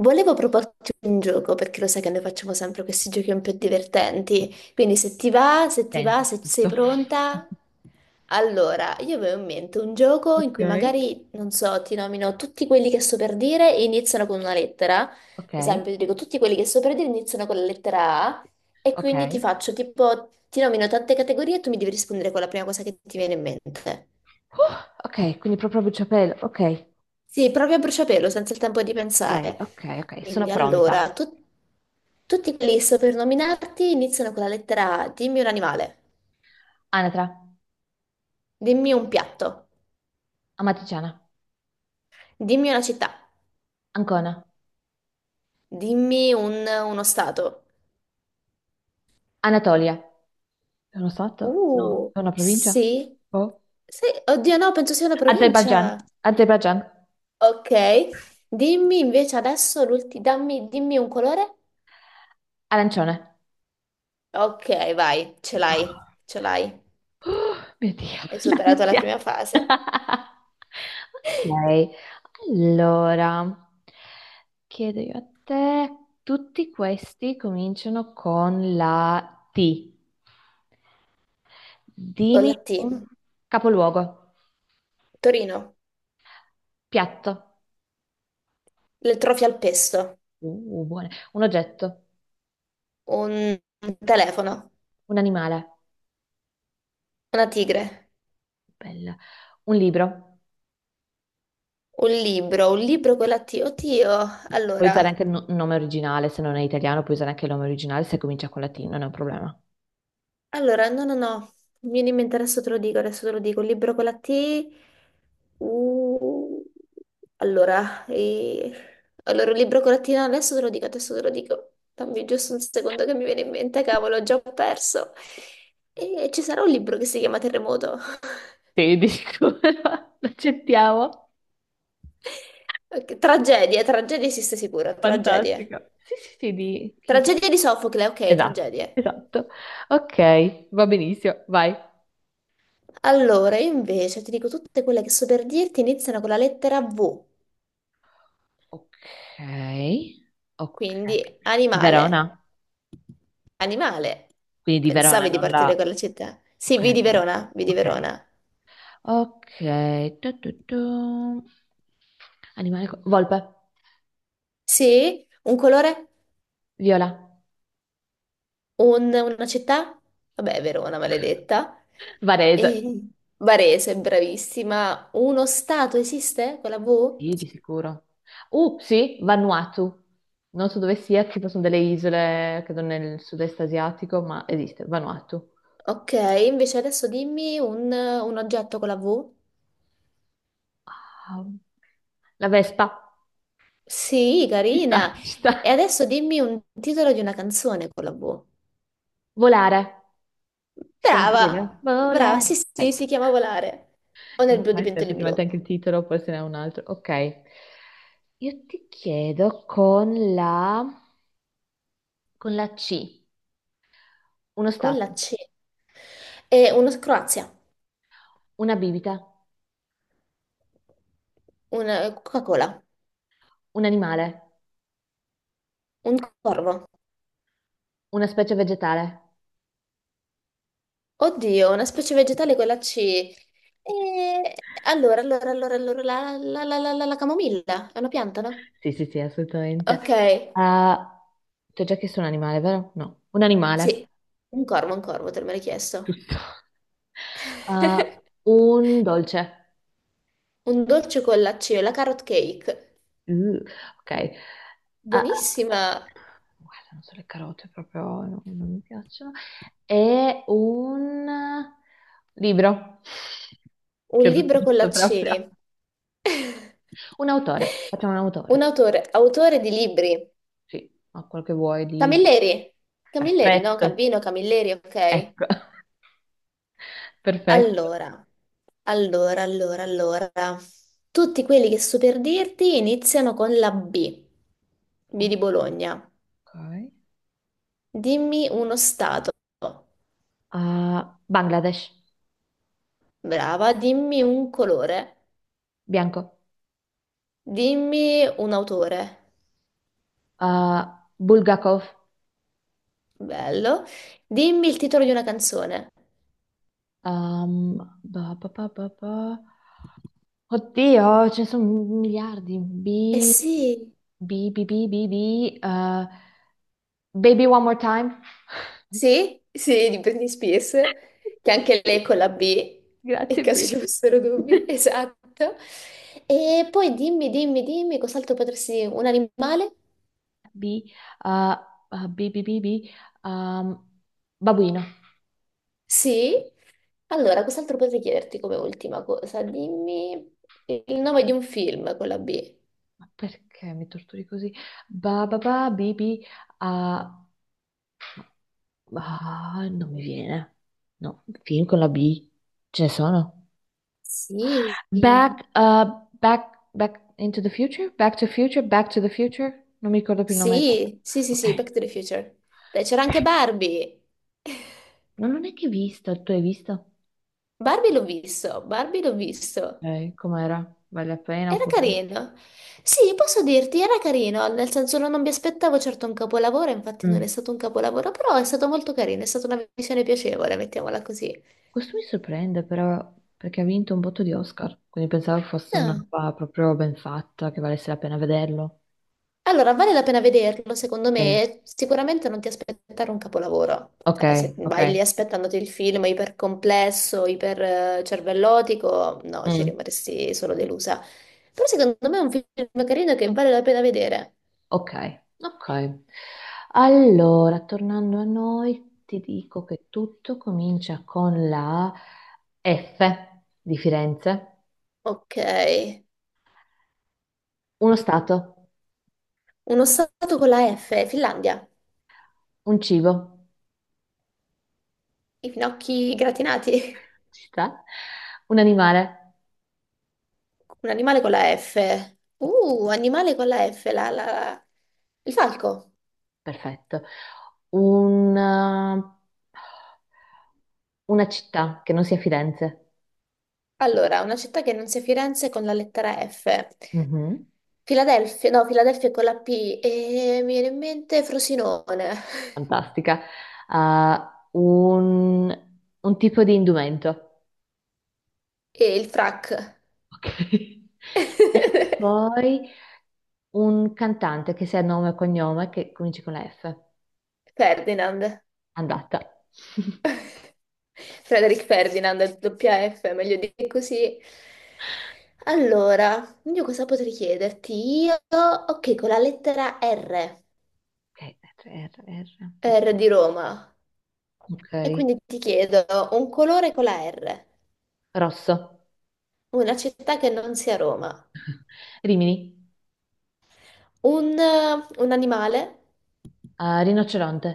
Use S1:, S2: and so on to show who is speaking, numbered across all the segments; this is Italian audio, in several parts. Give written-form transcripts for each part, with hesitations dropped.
S1: Volevo proporti un gioco perché lo sai che noi facciamo sempre questi giochi un po' divertenti. Quindi se ti va,
S2: Senti,
S1: se sei
S2: giusto?
S1: pronta. Allora, io avevo in mente un gioco in cui
S2: Ok.
S1: magari, non so, ti nomino tutti quelli che sto per dire e iniziano con una lettera. Ad
S2: Ok,
S1: esempio, ti dico tutti quelli che sto per dire iniziano con la lettera A e quindi ti
S2: ok.
S1: faccio tipo, ti nomino tante categorie e tu mi devi rispondere con la prima cosa che ti viene in mente.
S2: Ok, quindi proprio a bruciapelo. Ok,
S1: Sì, proprio a bruciapelo, senza il tempo di
S2: ok,
S1: pensare.
S2: ok, ok. Sono
S1: Quindi
S2: pronta.
S1: allora, tutti quelli che sto per nominarti iniziano con la lettera A. Dimmi un animale,
S2: Anatra,
S1: dimmi un piatto,
S2: amatriciana,
S1: dimmi una città,
S2: Ancona,
S1: dimmi uno stato.
S2: Anatolia. È uno stato? No,
S1: Uh,
S2: è una provincia?
S1: sì.
S2: Boh.
S1: Sì, oddio no, penso sia una
S2: Azerbaijan,
S1: provincia.
S2: Azerbaijan,
S1: Ok, dimmi invece adesso l'ultimo, dimmi un colore.
S2: arancione.
S1: Ok, vai, ce l'hai,
S2: Ah.
S1: ce l'hai.
S2: Oh, mio Dio,
S1: Hai superato la
S2: l'ansia.
S1: prima fase.
S2: Ok, allora chiedo io a te, tutti questi cominciano con la T.
S1: Con
S2: Dimmi
S1: la T.
S2: un capoluogo,
S1: Torino.
S2: piatto,
S1: Le trofi al pesto,
S2: buone. Un oggetto,
S1: un un telefono,
S2: un animale,
S1: una tigre,
S2: bella. Un libro,
S1: un libro con la T. Oddio,
S2: puoi usare
S1: allora,
S2: anche il nome originale, se non è italiano puoi usare anche il nome originale se comincia con la T, non è un problema.
S1: allora, no, no, no, mi viene in mente, adesso te lo dico, adesso te lo dico, un libro con la T, uh, allora, allora, un libro con la T, no, adesso te lo dico, adesso te lo dico, dammi giusto un secondo che mi viene in mente, cavolo, ho già perso. E ci sarà un libro che si chiama Terremoto.
S2: Sì, dico, l'accettiamo.
S1: Ok, Tragedie, tragedie esiste sicuro, tragedie.
S2: Fantastica. Sì, sì, sì, di...
S1: Tragedie di Sofocle, ok,
S2: Esatto,
S1: tragedie.
S2: esatto. Ok, va benissimo, vai.
S1: Allora, io invece ti dico tutte quelle che so per dirti iniziano con la lettera V,
S2: Ok,
S1: quindi
S2: ok. Di
S1: animale.
S2: Verona?
S1: Animale.
S2: Quindi di Verona,
S1: Pensavi di
S2: non
S1: partire con
S2: la...
S1: la città? Sì,
S2: Ok,
S1: V di
S2: ok,
S1: Verona, V di
S2: ok.
S1: Verona.
S2: Ok, tu. Animale... volpe,
S1: Sì, un colore,
S2: viola,
S1: una città? Vabbè, Verona, maledetta.
S2: Varese.
S1: E Varese, bravissima. Uno stato esiste con la V?
S2: Sì, di sicuro. Sì, Vanuatu. Non so dove sia, tipo sono delle isole, credo nel sud-est asiatico, ma esiste, Vanuatu.
S1: Ok, invece adesso dimmi un oggetto con la V.
S2: Ah, la Vespa.
S1: Sì,
S2: Ci sta,
S1: carina.
S2: ci
S1: E
S2: sta.
S1: adesso dimmi un titolo di una canzone con la V.
S2: Volare. Si chiama così,
S1: Brava,
S2: vero?
S1: brava,
S2: Volare.
S1: sì, sì,
S2: Ok.
S1: si chiama Volare. O
S2: Che
S1: nel
S2: non so
S1: blu di
S2: mai se
S1: Pentoli Blu.
S2: effettivamente anche il titolo, poi se n'è un altro. Ok. Io ti chiedo con la C. Uno
S1: Con
S2: stato,
S1: la C. E uno Croazia,
S2: una bibita,
S1: una Coca-Cola,
S2: un animale,
S1: un corvo.
S2: una specie vegetale.
S1: Oddio, una specie vegetale con la C. E allora, la camomilla è una pianta, no?
S2: Sì, sì, sì,
S1: Ok,
S2: assolutamente. Ah, ti ho già chiesto un animale, vero? No, un
S1: sì,
S2: animale,
S1: un corvo, te l'ho chiesto.
S2: giusto. Ah, un dolce.
S1: Un dolce con la C, la carrot cake.
S2: Uh, ok. Ah, ah,
S1: Buonissima,
S2: guarda, non so, le carote proprio non mi piacciono. E un libro.
S1: un
S2: Che ho
S1: libro con
S2: visto
S1: la
S2: proprio.
S1: C,
S2: Un autore, facciamo un
S1: un
S2: autore.
S1: autore, autore di libri,
S2: Sì, ma quel che vuoi di...
S1: Camilleri, Camilleri, no,
S2: Perfetto,
S1: Calvino, Camilleri, ok.
S2: ecco, perfetto.
S1: Allora, allora, tutti quelli che so per dirti iniziano con la B, B
S2: Ok.
S1: di Bologna. Dimmi uno stato,
S2: Ah, Bangladesh.
S1: brava, dimmi un colore,
S2: Bianco.
S1: dimmi un autore,
S2: Ah, Bulgakov.
S1: bello, dimmi il titolo di una canzone.
S2: Ehm, ba, ba, ba, ba, ba. Oddio, ce ne sono miliardi.
S1: Eh
S2: B,
S1: sì,
S2: B, B, B, B, B. eh, Baby One More Time.
S1: sì, sì, di Britney Spears, che anche lei con la B, in
S2: Grazie,
S1: caso ci
S2: Brittany.
S1: fossero dubbi, esatto. E poi dimmi, cos'altro potresti... Un animale?
S2: B, uh, uh, B, B, B, B, um, babuino.
S1: Sì. Allora, cos'altro potrei chiederti come ultima cosa? Dimmi il nome di un film con la B.
S2: Ma perché mi torturi così? Ba, ba, ba, B, B, uh, ah, non mi viene. No, film con la B. Ce ne sono?
S1: Sì, sì,
S2: Back, back, back into the future? Back to future? Back to the Future? Non mi ricordo più il nome.
S1: sì, sì, sì,
S2: Ok.
S1: Back to the Future. Dai, c'era anche Barbie.
S2: No, non è che hai visto, tu hai visto?
S1: Barbie l'ho visto, Barbie l'ho visto.
S2: Com'era? Vale la pena
S1: Era
S2: oppure...
S1: carino. Sì, posso dirti, era carino, nel senso non mi aspettavo certo un capolavoro, infatti non è
S2: Mm.
S1: stato un capolavoro, però è stato molto carino, è stata una visione piacevole, mettiamola così.
S2: Questo mi sorprende però perché ha vinto un botto di Oscar, quindi pensavo fosse una
S1: No.
S2: roba proprio ben fatta, che valesse la pena vederlo.
S1: Allora, vale la pena vederlo, secondo
S2: Sì.
S1: me, sicuramente non ti aspettare un capolavoro.
S2: Ok,
S1: Cioè, se
S2: ok.
S1: vai lì aspettandoti il film ipercomplesso, iper cervellotico, no, ci
S2: Mm.
S1: rimarresti solo delusa. Però secondo me è un film carino che vale la pena vedere.
S2: Ok, ok. Allora, tornando a noi, ti dico che tutto comincia con la F di Firenze,
S1: Ok.
S2: uno stato,
S1: Uno stato con la F, Finlandia.
S2: un cibo,
S1: I finocchi gratinati.
S2: ci sta, un animale,
S1: Un animale con la F. Animale con la F, il falco.
S2: perfetto, una, una città che non sia Firenze,
S1: Allora, una città che non sia Firenze con la lettera F.
S2: mhm,
S1: Filadelfia, no, Filadelfia è con la P. E mi viene in mente Frosinone.
S2: fantastica, ah, un tipo di indumento.
S1: E il frac.
S2: Ok. E poi un cantante che sia nome e cognome che cominci con la F.
S1: Ferdinand.
S2: Andata.
S1: Frederick Ferdinand, è doppia F, meglio di così. Allora, io cosa potrei chiederti? Ok, con la lettera R,
S2: Ok, R, R, R.
S1: R di Roma. E
S2: Ok.
S1: quindi ti chiedo un colore con la R,
S2: Rosso.
S1: una città che non sia Roma,
S2: Rimini.
S1: un, un animale,
S2: Rinoceronte.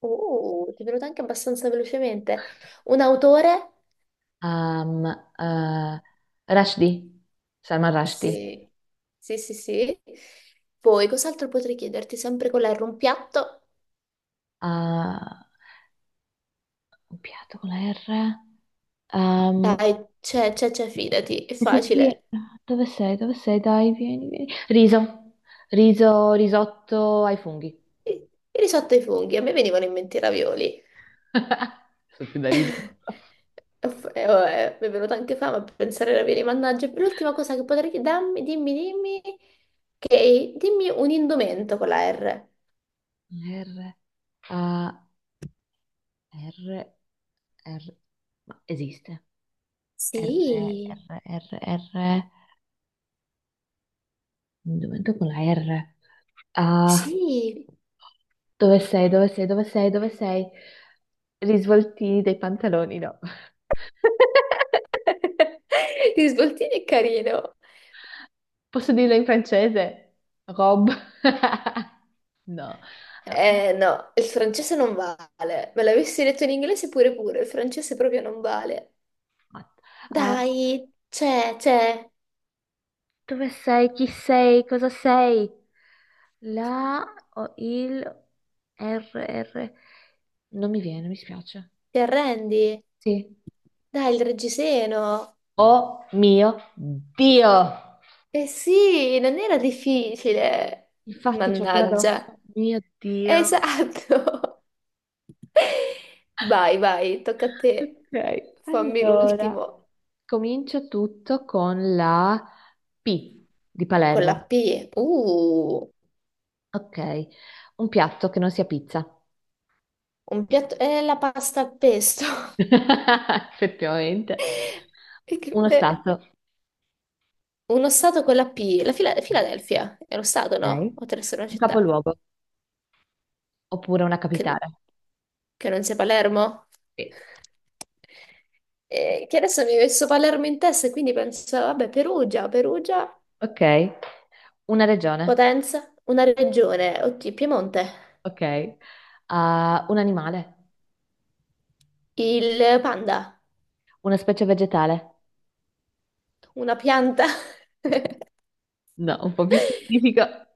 S1: ti è venuto anche abbastanza velocemente, un autore,
S2: Ehm, eh, Rushdie. Salman Rushdie.
S1: sì, sì, sì, sì. Poi cos'altro potrei chiederti sempre con la R, un piatto?
S2: Ah, un piatto con la R. Ehm,
S1: Dai, c'è, fidati, è
S2: sì, sì.
S1: facile.
S2: Dove sei? Dove sei? Dai, vieni, vieni. Riso. Riso, risotto ai funghi.
S1: Il il risotto ai funghi, a me venivano in mente i ravioli.
S2: Sono più da riso.
S1: E vabbè, mi è venuta anche fame a pensare ai ravioli, mannaggia. L'ultima cosa che potrei darmi, che dimmi un indumento con la R.
S2: R, A, R, R, ma esiste. R, R,
S1: Sì,
S2: R, R, un momento con la R. Ah,
S1: sì.
S2: dove sei, dove sei, dove sei, dove sei? Risvoltini dei pantaloni, no.
S1: Ti svoltini è carino.
S2: Posso dirlo in francese? Rob. No. Eh,
S1: Eh no, il francese non vale. Me l'avessi detto in inglese pure pure, il francese proprio non vale.
S2: mat- ah,
S1: Dai, c'è, c'è.
S2: dove sei, chi sei, cosa sei? La o il R, R. Non mi viene, mi spiace.
S1: Ti arrendi?
S2: Sì.
S1: Dai, il reggiseno.
S2: Oh mio Dio!
S1: Eh sì, non era difficile.
S2: Infatti c'ho quella addosso.
S1: Mannaggia.
S2: Mio Dio.
S1: Esatto. Vai, vai, tocca a te.
S2: Ok.
S1: Fammi
S2: Allora,
S1: l'ultimo.
S2: comincio tutto con la P di
S1: Con la
S2: Palermo.
S1: P. Uh,
S2: Ok. Un piatto che non sia pizza.
S1: un piatto, è la pasta al pesto.
S2: Effettivamente.
S1: E che-
S2: Uno
S1: eh,
S2: stato.
S1: Uno stato con la P. La Filadelfia. È lo stato, no?
S2: Ok.
S1: O deve essere una
S2: Un
S1: città.
S2: capoluogo oppure una
S1: che,
S2: capitale.
S1: che non sia Palermo?
S2: Sì.
S1: E che adesso mi hai messo Palermo in testa e quindi penso, vabbè, Perugia,
S2: Ok. Una regione.
S1: Potenza, una regione, oddio, Piemonte,
S2: Ok. Ah, un animale.
S1: il panda,
S2: Una specie vegetale.
S1: una pianta, un
S2: No, un po' più specifica.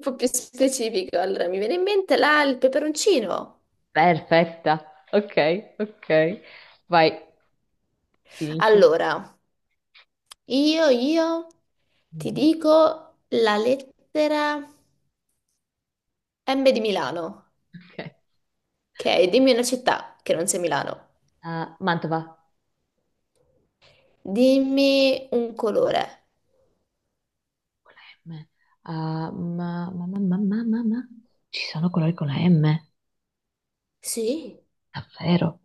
S1: po' più specifico. Allora, mi viene in mente là il peperoncino.
S2: Perfetta. Ok, ok. Vai, finisci.
S1: Allora, io ti
S2: Mhm.
S1: dico la lettera M di Milano,
S2: Ok.
S1: ok? Dimmi una città che non sia Milano.
S2: Ah, Mantova.
S1: Dimmi un colore.
S2: Con la M. Ah, Ci sono colori con la M,
S1: Sì?
S2: davvero.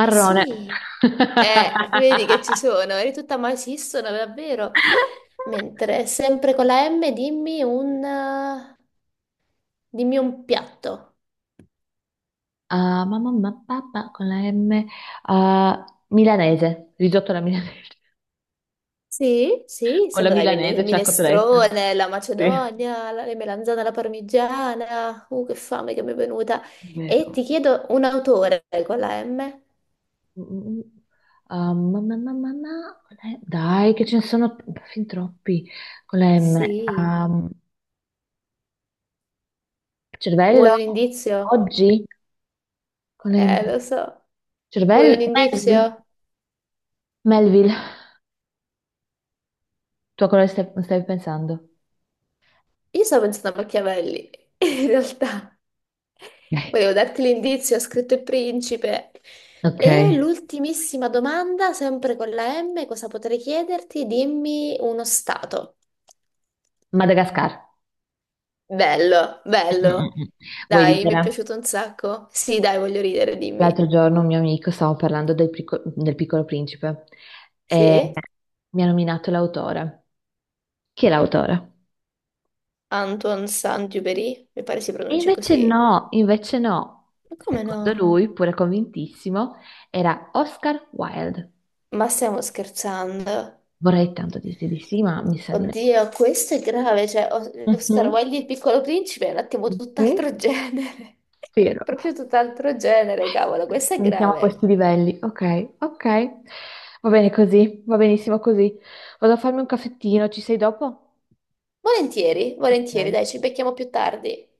S1: Eh sì. Vedi che ci sono, eri tutta ma esistono davvero. Mentre sempre con la M dimmi un piatto.
S2: Ah, con la M. Ah, milanese. Risotto alla milanese.
S1: Sì, sì,
S2: Con la
S1: sono dai
S2: milanese c'è la cotoletta.
S1: minestrone, la
S2: Sì.
S1: macedonia, le melanzane alla parmigiana. Che fame che mi è venuta. E
S2: Vero.
S1: ti chiedo un autore con la M?
S2: Mm, ah, dai, che ce ne sono fin troppi con la M.
S1: Sì.
S2: Ah, cervello?
S1: Vuoi un indizio?
S2: Oggi? Con la M.
S1: Lo so. Vuoi
S2: Cervello?
S1: un
S2: Melville.
S1: indizio?
S2: Melville. Tu a cosa stavi pensando?
S1: Io stavo pensando a Machiavelli, in realtà.
S2: Eh,
S1: Volevo darti l'indizio, ho scritto Il Principe.
S2: ok.
S1: E l'ultimissima domanda, sempre con la M, cosa potrei chiederti? Dimmi uno stato.
S2: Madagascar.
S1: Bello, bello.
S2: Mm-mm-mm. Vuoi
S1: Dai, mi è
S2: ridere?
S1: piaciuto un sacco. Sì, dai, voglio ridere, dimmi.
S2: L'altro giorno un mio amico stavo parlando del Piccolo Principe e
S1: Sì?
S2: mi ha nominato l'autore. Chi è l'autore?
S1: Antoine Saint-Exupéry, mi pare si
S2: E
S1: pronunci
S2: invece
S1: così.
S2: no, invece no.
S1: Ma come
S2: Secondo
S1: no?
S2: lui, pure convintissimo, era Oscar Wilde.
S1: Ma stiamo scherzando.
S2: Vorrei tanto dirti di sì, ma mi sa di no.
S1: Oddio, questo è grave, cioè Oscar
S2: Mhm,
S1: Wilde e il Piccolo Principe è un attimo
S2: mhm,
S1: tutt'altro genere,
S2: vero.
S1: proprio tutt'altro genere, cavolo, questo è
S2: Quindi siamo a
S1: grave.
S2: questi livelli. Ok, ok. Va bene così, va benissimo così. Vado a farmi un caffettino, ci sei dopo?
S1: Volentieri, volentieri,
S2: Ok.
S1: dai, ci becchiamo più tardi.